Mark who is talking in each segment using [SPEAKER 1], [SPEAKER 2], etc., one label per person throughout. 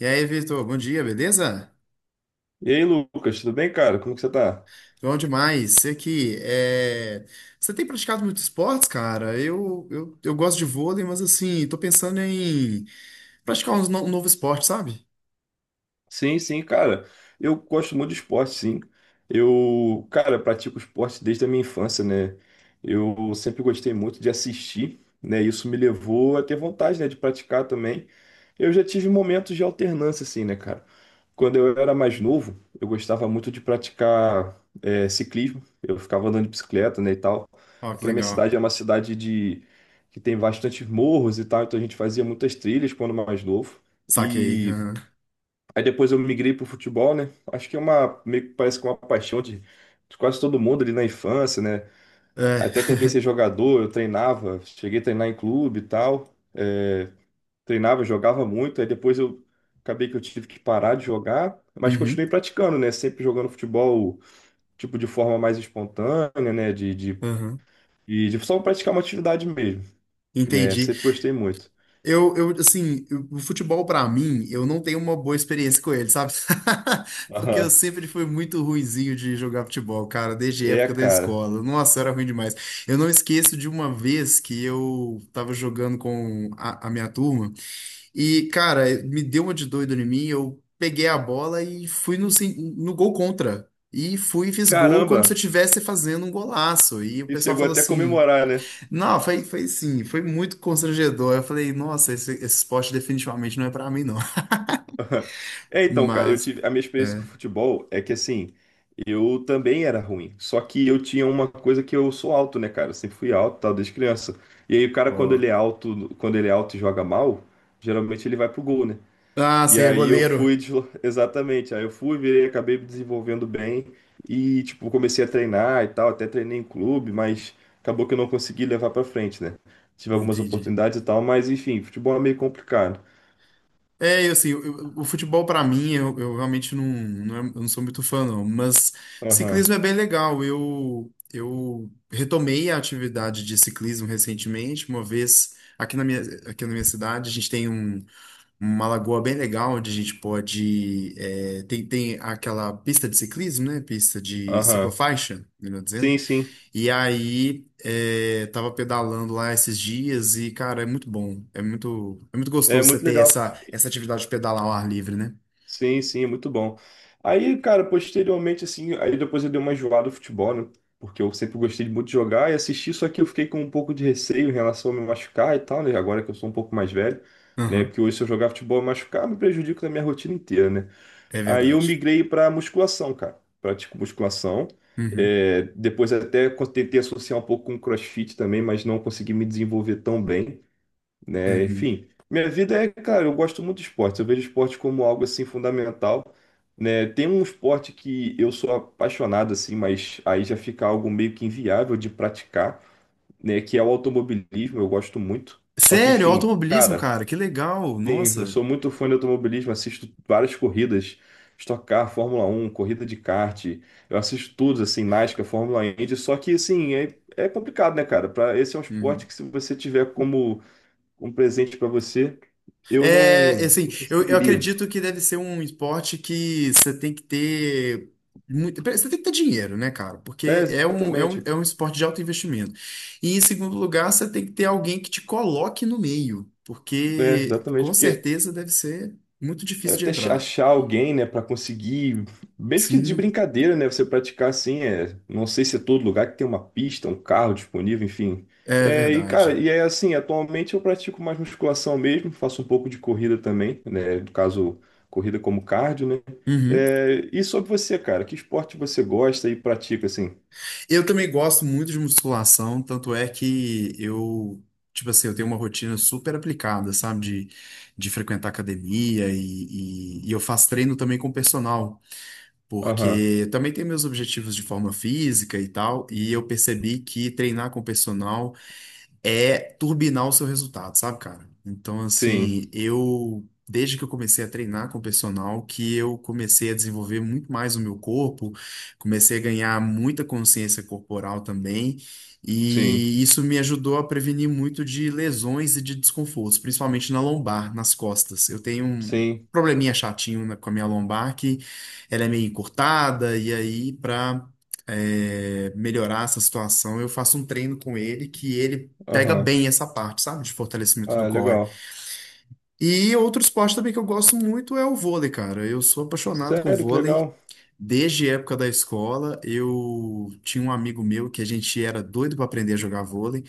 [SPEAKER 1] E aí, Vitor, bom dia, beleza?
[SPEAKER 2] E aí, Lucas, tudo bem, cara? Como que você tá?
[SPEAKER 1] Bom demais. Você que é... Você tem praticado muitos esportes, cara? Eu gosto de vôlei, mas assim, tô pensando em praticar uns no- um novo esporte, sabe?
[SPEAKER 2] Sim, sim, cara. Eu gosto muito de esporte, sim. Eu, cara, pratico esporte desde a minha infância, né? Eu sempre gostei muito de assistir, né? Isso me levou a ter vontade, né, de praticar também. Eu já tive momentos de alternância, assim, né, cara? Quando eu era mais novo, eu gostava muito de praticar ciclismo. Eu ficava andando de bicicleta, né, e tal.
[SPEAKER 1] Ó, que
[SPEAKER 2] Aqui na minha
[SPEAKER 1] legal.
[SPEAKER 2] cidade é uma cidade de que tem bastantes morros e tal, então a gente fazia muitas trilhas quando mais novo.
[SPEAKER 1] Saquei,
[SPEAKER 2] E
[SPEAKER 1] aham.
[SPEAKER 2] Aí depois eu migrei pro futebol, né? Acho que é uma, meio que parece que é uma paixão de quase todo mundo ali na infância, né?
[SPEAKER 1] É.
[SPEAKER 2] Até tentei ser jogador, eu treinava, cheguei a treinar em clube e tal. Treinava, jogava muito, aí depois eu acabei que eu tive que parar de jogar, mas
[SPEAKER 1] Uhum.
[SPEAKER 2] continuei praticando, né? Sempre jogando futebol, tipo, de forma mais espontânea, né?
[SPEAKER 1] Uhum.
[SPEAKER 2] E de só praticar uma atividade mesmo, né?
[SPEAKER 1] Entendi.
[SPEAKER 2] Sempre gostei muito.
[SPEAKER 1] O futebol pra mim, eu não tenho uma boa experiência com ele, sabe? Porque eu
[SPEAKER 2] Aham.
[SPEAKER 1] sempre fui muito ruinzinho de jogar futebol, cara, desde a
[SPEAKER 2] É,
[SPEAKER 1] época da
[SPEAKER 2] cara.
[SPEAKER 1] escola. Nossa, era ruim demais. Eu não esqueço de uma vez que eu tava jogando com a minha turma e, cara, me deu uma de doido em mim, eu peguei a bola e fui no, no gol contra. E fui e fiz gol como se eu
[SPEAKER 2] Caramba!
[SPEAKER 1] estivesse fazendo um golaço. E o
[SPEAKER 2] E
[SPEAKER 1] pessoal
[SPEAKER 2] chegou
[SPEAKER 1] falou
[SPEAKER 2] até a
[SPEAKER 1] assim.
[SPEAKER 2] comemorar, né?
[SPEAKER 1] Não, foi, foi sim, foi muito constrangedor. Eu falei, nossa, esse esporte definitivamente não é pra mim, não.
[SPEAKER 2] É, então, cara, eu
[SPEAKER 1] Mas,
[SPEAKER 2] tive a minha experiência com
[SPEAKER 1] é.
[SPEAKER 2] futebol é que assim, eu também era ruim, só que eu tinha uma coisa que eu sou alto, né, cara? Eu sempre fui alto, tal, desde criança. E aí o cara quando
[SPEAKER 1] Ó,
[SPEAKER 2] ele é alto, e joga mal, geralmente ele vai pro gol, né?
[SPEAKER 1] ah,
[SPEAKER 2] E
[SPEAKER 1] você é
[SPEAKER 2] aí
[SPEAKER 1] goleiro.
[SPEAKER 2] exatamente, aí eu fui, virei, acabei me desenvolvendo bem e tipo, comecei a treinar e tal, até treinei em clube, mas acabou que eu não consegui levar pra frente, né? Tive algumas
[SPEAKER 1] Entendi.
[SPEAKER 2] oportunidades e tal, mas enfim, futebol é meio complicado.
[SPEAKER 1] É, eu, assim, eu- o futebol pra mim, eu realmente eu não sou muito fã, não. Mas
[SPEAKER 2] Aham.
[SPEAKER 1] ciclismo é bem legal. Eu retomei a atividade de ciclismo recentemente, uma vez aqui na minha cidade, a gente tem um. Uma lagoa bem legal onde a gente pode. É, tem aquela pista de ciclismo, né? Pista de
[SPEAKER 2] Aham.
[SPEAKER 1] ciclofaixa, melhor dizendo.
[SPEAKER 2] Sim, sim.
[SPEAKER 1] E aí é, tava pedalando lá esses dias e, cara, é muito bom. É muito
[SPEAKER 2] É
[SPEAKER 1] gostoso você
[SPEAKER 2] muito
[SPEAKER 1] ter
[SPEAKER 2] legal.
[SPEAKER 1] essa atividade de pedalar ao ar livre, né?
[SPEAKER 2] Sim, sim, é muito bom. Aí, cara, posteriormente, assim, aí depois eu dei uma enjoada no futebol, né? Porque eu sempre gostei muito de jogar e assistir, só que eu fiquei com um pouco de receio em relação a me machucar e tal, né? Agora que eu sou um pouco mais velho, né?
[SPEAKER 1] Aham,
[SPEAKER 2] Porque hoje se eu jogar futebol e machucar, me prejudico na minha rotina inteira, né?
[SPEAKER 1] é
[SPEAKER 2] Aí eu
[SPEAKER 1] verdade.
[SPEAKER 2] migrei pra musculação, cara. Pratico musculação.
[SPEAKER 1] Uhum,
[SPEAKER 2] É, depois tentei associar um pouco com CrossFit também, mas não consegui me desenvolver tão bem, né?
[SPEAKER 1] uhum.
[SPEAKER 2] Enfim, minha vida é, cara, eu gosto muito de esporte. Eu vejo esporte como algo assim fundamental, né? Tem um esporte que eu sou apaixonado assim, mas aí já fica algo meio que inviável de praticar, né? Que é o automobilismo. Eu gosto muito. Só que,
[SPEAKER 1] Sério,
[SPEAKER 2] enfim,
[SPEAKER 1] automobilismo,
[SPEAKER 2] cara,
[SPEAKER 1] cara, que legal,
[SPEAKER 2] sim, eu
[SPEAKER 1] nossa.
[SPEAKER 2] sou muito fã de automobilismo. Assisto várias corridas. Stock Car, Fórmula Um, corrida de kart, eu assisto tudo, assim, NASCAR, Fórmula Indy, só que, assim, é, é complicado, né, cara? Esse é um esporte
[SPEAKER 1] Uhum.
[SPEAKER 2] que se você tiver como um presente para você, eu
[SPEAKER 1] É, é, assim,
[SPEAKER 2] não
[SPEAKER 1] eu
[SPEAKER 2] conseguiria.
[SPEAKER 1] acredito que deve ser um esporte que você tem que ter muito, você tem que ter dinheiro, né, cara?
[SPEAKER 2] É,
[SPEAKER 1] Porque é
[SPEAKER 2] exatamente.
[SPEAKER 1] um esporte de alto investimento. E em segundo lugar, você tem que ter alguém que te coloque no meio,
[SPEAKER 2] É,
[SPEAKER 1] porque com
[SPEAKER 2] exatamente, porque
[SPEAKER 1] certeza deve ser muito
[SPEAKER 2] é
[SPEAKER 1] difícil de entrar.
[SPEAKER 2] achar alguém, né, para conseguir, mesmo que de
[SPEAKER 1] Sim,
[SPEAKER 2] brincadeira, né, você praticar assim, é, não sei se é todo lugar que tem uma pista, um carro disponível, enfim.
[SPEAKER 1] é
[SPEAKER 2] É, e cara,
[SPEAKER 1] verdade.
[SPEAKER 2] e é assim, atualmente eu pratico mais musculação mesmo, faço um pouco de corrida também, né, no caso, corrida como cardio, né?
[SPEAKER 1] Uhum.
[SPEAKER 2] É, e sobre você, cara, que esporte você gosta e pratica assim?
[SPEAKER 1] Eu também gosto muito de musculação, tanto é que eu, tipo assim, eu tenho uma rotina super aplicada, sabe? De, de frequentar academia e, e eu faço treino também com personal, porque
[SPEAKER 2] Aham.
[SPEAKER 1] eu também tenho meus objetivos de forma física e tal, e eu percebi que treinar com personal é turbinar o seu resultado, sabe, cara? Então,
[SPEAKER 2] Sim,
[SPEAKER 1] assim, eu, desde que eu comecei a treinar com o personal, que eu comecei a desenvolver muito mais o meu corpo, comecei a ganhar muita consciência corporal também,
[SPEAKER 2] sim,
[SPEAKER 1] e isso me ajudou a prevenir muito de lesões e de desconfortos, principalmente na lombar, nas costas. Eu tenho um
[SPEAKER 2] sim.
[SPEAKER 1] probleminha chatinho com a minha lombar, que ela é meio encurtada, e aí, pra é, melhorar essa situação, eu faço um treino com ele que ele pega
[SPEAKER 2] Aham.
[SPEAKER 1] bem essa parte, sabe? De fortalecimento do
[SPEAKER 2] Ah,
[SPEAKER 1] core.
[SPEAKER 2] legal.
[SPEAKER 1] E outro esporte também que eu gosto muito é o vôlei, cara. Eu sou apaixonado com
[SPEAKER 2] Sério, que
[SPEAKER 1] vôlei.
[SPEAKER 2] legal.
[SPEAKER 1] Desde a época da escola, eu tinha um amigo meu que a gente era doido para aprender a jogar vôlei.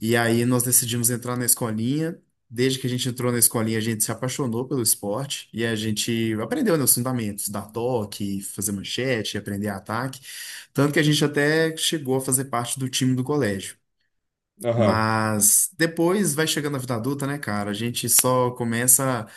[SPEAKER 1] E aí nós decidimos entrar na escolinha. Desde que a gente entrou na escolinha, a gente se apaixonou pelo esporte e a gente aprendeu, né, os fundamentos, dar toque, fazer manchete, aprender ataque. Tanto que a gente até chegou a fazer parte do time do colégio.
[SPEAKER 2] Aham.
[SPEAKER 1] Mas depois vai chegando a vida adulta, né, cara? A gente só começa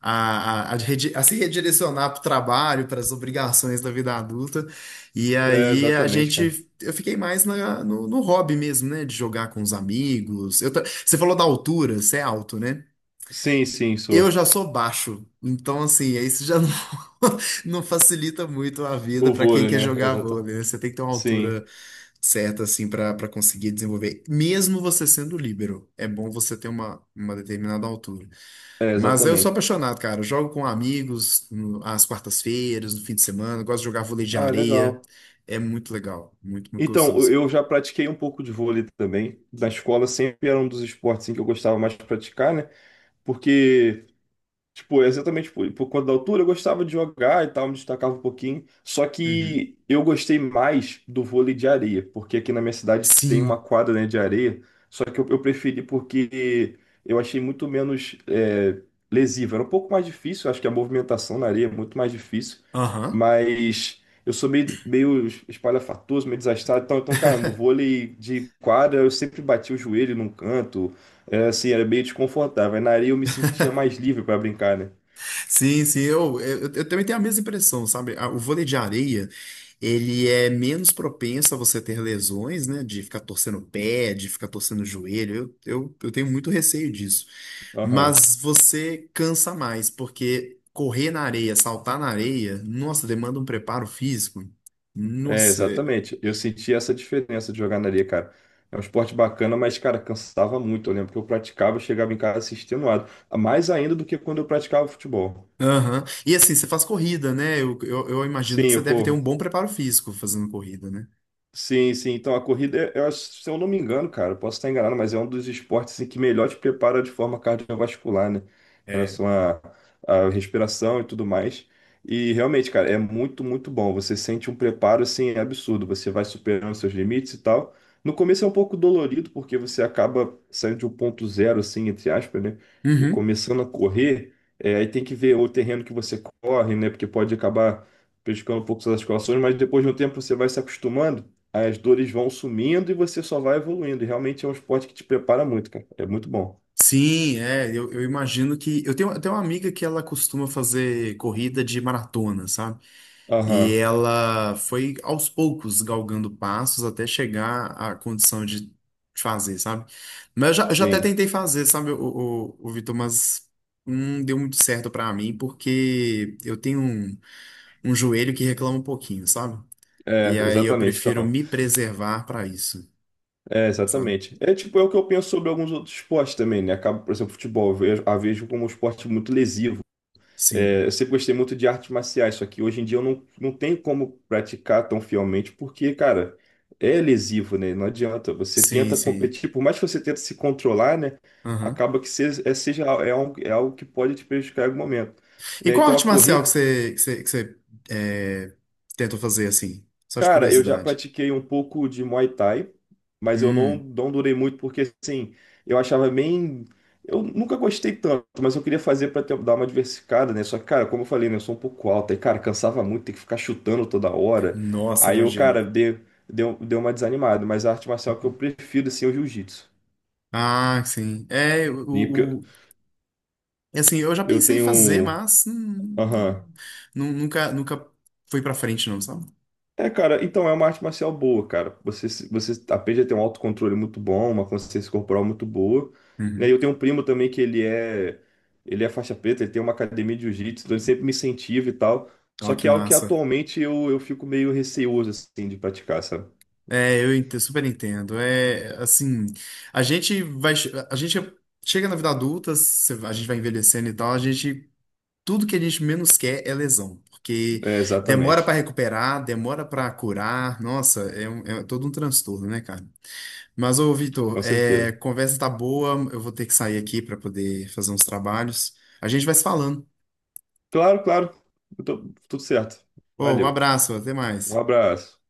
[SPEAKER 1] a se redirecionar para o trabalho, para as obrigações da vida adulta. E
[SPEAKER 2] É,
[SPEAKER 1] aí a
[SPEAKER 2] exatamente, cara.
[SPEAKER 1] gente. Eu fiquei mais no hobby mesmo, né? De jogar com os amigos. Eu você falou da altura, você é alto, né?
[SPEAKER 2] Sim, sim,
[SPEAKER 1] Eu
[SPEAKER 2] sou.
[SPEAKER 1] já sou baixo, então assim, aí isso já não, não facilita muito a vida
[SPEAKER 2] O
[SPEAKER 1] para quem
[SPEAKER 2] vôlei,
[SPEAKER 1] quer
[SPEAKER 2] né?
[SPEAKER 1] jogar
[SPEAKER 2] Exato.
[SPEAKER 1] vôlei, né? Você tem que ter uma
[SPEAKER 2] Sim,
[SPEAKER 1] altura certa assim para conseguir desenvolver, mesmo você sendo líbero. É bom você ter uma determinada altura.
[SPEAKER 2] é,
[SPEAKER 1] Mas eu sou
[SPEAKER 2] exatamente.
[SPEAKER 1] apaixonado, cara. Eu jogo com amigos às quartas-feiras, no fim de semana, eu gosto de jogar vôlei de
[SPEAKER 2] Ah,
[SPEAKER 1] areia.
[SPEAKER 2] legal.
[SPEAKER 1] É muito legal, muito, muito
[SPEAKER 2] Então, eu
[SPEAKER 1] gostoso.
[SPEAKER 2] eu já pratiquei um pouco de vôlei também. Na escola sempre era um dos esportes assim, que eu gostava mais de praticar, né? Porque tipo, exatamente, tipo, por conta da altura, eu gostava de jogar e tal, me destacava um pouquinho. Só
[SPEAKER 1] Uhum.
[SPEAKER 2] que eu gostei mais do vôlei de areia, porque aqui na minha cidade tem uma
[SPEAKER 1] Sim.
[SPEAKER 2] quadra, né, de areia. Só que eu preferi porque eu achei muito menos é, lesivo. Era um pouco mais difícil, acho que a movimentação na areia é muito mais difícil.
[SPEAKER 1] Aham.
[SPEAKER 2] Mas eu sou meio espalhafatoso, meio desastrado. Então, cara, no vôlei de quadra eu sempre bati o joelho num canto, é, assim, era bem desconfortável. Aí na areia eu me sentia mais livre para brincar, né?
[SPEAKER 1] Sim, sim, eu também tenho a mesma impressão, sabe? A- O vôlei de areia, ele é menos propenso a você ter lesões, né? De ficar torcendo o pé, de ficar torcendo o joelho. Eu tenho muito receio disso.
[SPEAKER 2] Aham.
[SPEAKER 1] Mas você cansa mais, porque correr na areia, saltar na areia, nossa, demanda um preparo físico.
[SPEAKER 2] É,
[SPEAKER 1] Nossa. É-
[SPEAKER 2] exatamente. Eu senti essa diferença de jogar na areia, cara. É um esporte bacana, mas, cara, cansava muito. Eu lembro que eu praticava, eu chegava em casa assim, extenuado. Mais ainda do que quando eu praticava futebol.
[SPEAKER 1] aham. E assim, você faz corrida, né? Eu imagino que
[SPEAKER 2] Sim,
[SPEAKER 1] você
[SPEAKER 2] eu
[SPEAKER 1] deve ter um
[SPEAKER 2] corro.
[SPEAKER 1] bom preparo físico fazendo corrida, né?
[SPEAKER 2] Sim, sim. Então a corrida, é- eu acho- se eu não me engano, cara, eu posso estar enganado, mas é um dos esportes em que melhor te prepara de forma cardiovascular, né? Em
[SPEAKER 1] É.
[SPEAKER 2] relação à respiração e tudo mais. E realmente, cara, é muito, muito bom. Você sente um preparo assim absurdo. Você vai superando seus limites e tal. No começo é um pouco dolorido, porque você acaba saindo de um ponto zero, assim, entre aspas, né? E começando a correr, é, aí tem que ver o terreno que você corre, né? Porque pode acabar prejudicando um pouco suas articulações, mas depois de um tempo você vai se acostumando, as dores vão sumindo e você só vai evoluindo. E realmente é um esporte que te prepara muito, cara. É muito bom.
[SPEAKER 1] Sim, é, eu imagino que. Eu tenho até uma amiga que ela costuma fazer corrida de maratona, sabe? E
[SPEAKER 2] Aham,
[SPEAKER 1] ela foi aos poucos galgando passos até chegar à condição de fazer, sabe? Mas eu já até
[SPEAKER 2] sim.
[SPEAKER 1] tentei fazer, sabe, o Vitor, mas não deu muito certo pra mim, porque eu tenho um, um joelho que reclama um pouquinho, sabe? E
[SPEAKER 2] É,
[SPEAKER 1] aí eu
[SPEAKER 2] exatamente.
[SPEAKER 1] prefiro
[SPEAKER 2] Então,
[SPEAKER 1] me preservar pra isso,
[SPEAKER 2] é,
[SPEAKER 1] sabe?
[SPEAKER 2] exatamente. É tipo, é o que eu penso sobre alguns outros esportes também, né? Acaba, por exemplo, futebol, eu vejo- a vejo como um esporte muito lesivo.
[SPEAKER 1] Sim,
[SPEAKER 2] É, eu sempre gostei muito de artes marciais, só que hoje em dia eu não tenho como praticar tão fielmente, porque, cara, é lesivo, né? Não adianta. Você
[SPEAKER 1] sim,
[SPEAKER 2] tenta
[SPEAKER 1] sim.
[SPEAKER 2] competir, por mais que você tente se controlar, né?
[SPEAKER 1] Aham.
[SPEAKER 2] Acaba que é algo que pode te prejudicar em algum momento.
[SPEAKER 1] E
[SPEAKER 2] Né?
[SPEAKER 1] qual
[SPEAKER 2] Então a
[SPEAKER 1] arte marcial que
[SPEAKER 2] corrida.
[SPEAKER 1] você é, tentou fazer assim? Só de
[SPEAKER 2] Cara, eu já
[SPEAKER 1] curiosidade.
[SPEAKER 2] pratiquei um pouco de Muay Thai, mas eu
[SPEAKER 1] Hum,
[SPEAKER 2] não durei muito porque, assim, eu achava bem. Eu nunca gostei tanto, mas eu queria fazer pra dar uma diversificada, né? Só que, cara, como eu falei, né? Eu sou um pouco alto, aí, cara, cansava muito, tem que ficar chutando toda hora.
[SPEAKER 1] nossa,
[SPEAKER 2] Aí eu,
[SPEAKER 1] imagino.
[SPEAKER 2] cara, deu uma desanimada, mas a arte marcial que eu prefiro, assim, é o jiu-jitsu.
[SPEAKER 1] Ah, sim. É,
[SPEAKER 2] E Porque
[SPEAKER 1] assim, eu já
[SPEAKER 2] eu
[SPEAKER 1] pensei em fazer,
[SPEAKER 2] tenho.
[SPEAKER 1] mas
[SPEAKER 2] Aham.
[SPEAKER 1] nunca, nunca foi pra frente, não, sabe?
[SPEAKER 2] É, cara, então é uma arte marcial boa, cara. Você, se- você aprende a ter um autocontrole muito bom, uma consciência corporal muito boa, né?
[SPEAKER 1] Uhum.
[SPEAKER 2] Eu tenho um primo também ele é faixa preta, ele tem uma academia de jiu-jitsu, então ele sempre me incentiva e tal.
[SPEAKER 1] Ó,
[SPEAKER 2] Só
[SPEAKER 1] que
[SPEAKER 2] que é algo que
[SPEAKER 1] massa.
[SPEAKER 2] atualmente eu fico meio receoso, assim, de praticar, sabe?
[SPEAKER 1] É, eu super entendo. É, assim, a gente vai, a gente chega na vida adulta, a gente vai envelhecendo e tal, a gente tudo que a gente menos quer é lesão, porque
[SPEAKER 2] É,
[SPEAKER 1] demora para
[SPEAKER 2] exatamente,
[SPEAKER 1] recuperar, demora para curar. Nossa, é, um- é todo um transtorno, né, cara? Mas, ô, Vitor,
[SPEAKER 2] com
[SPEAKER 1] é,
[SPEAKER 2] certeza.
[SPEAKER 1] conversa tá boa, eu vou ter que sair aqui para poder fazer uns trabalhos. A gente vai se falando.
[SPEAKER 2] Claro, claro, tudo certo.
[SPEAKER 1] Ô, um
[SPEAKER 2] Valeu,
[SPEAKER 1] abraço, até
[SPEAKER 2] um
[SPEAKER 1] mais.
[SPEAKER 2] abraço.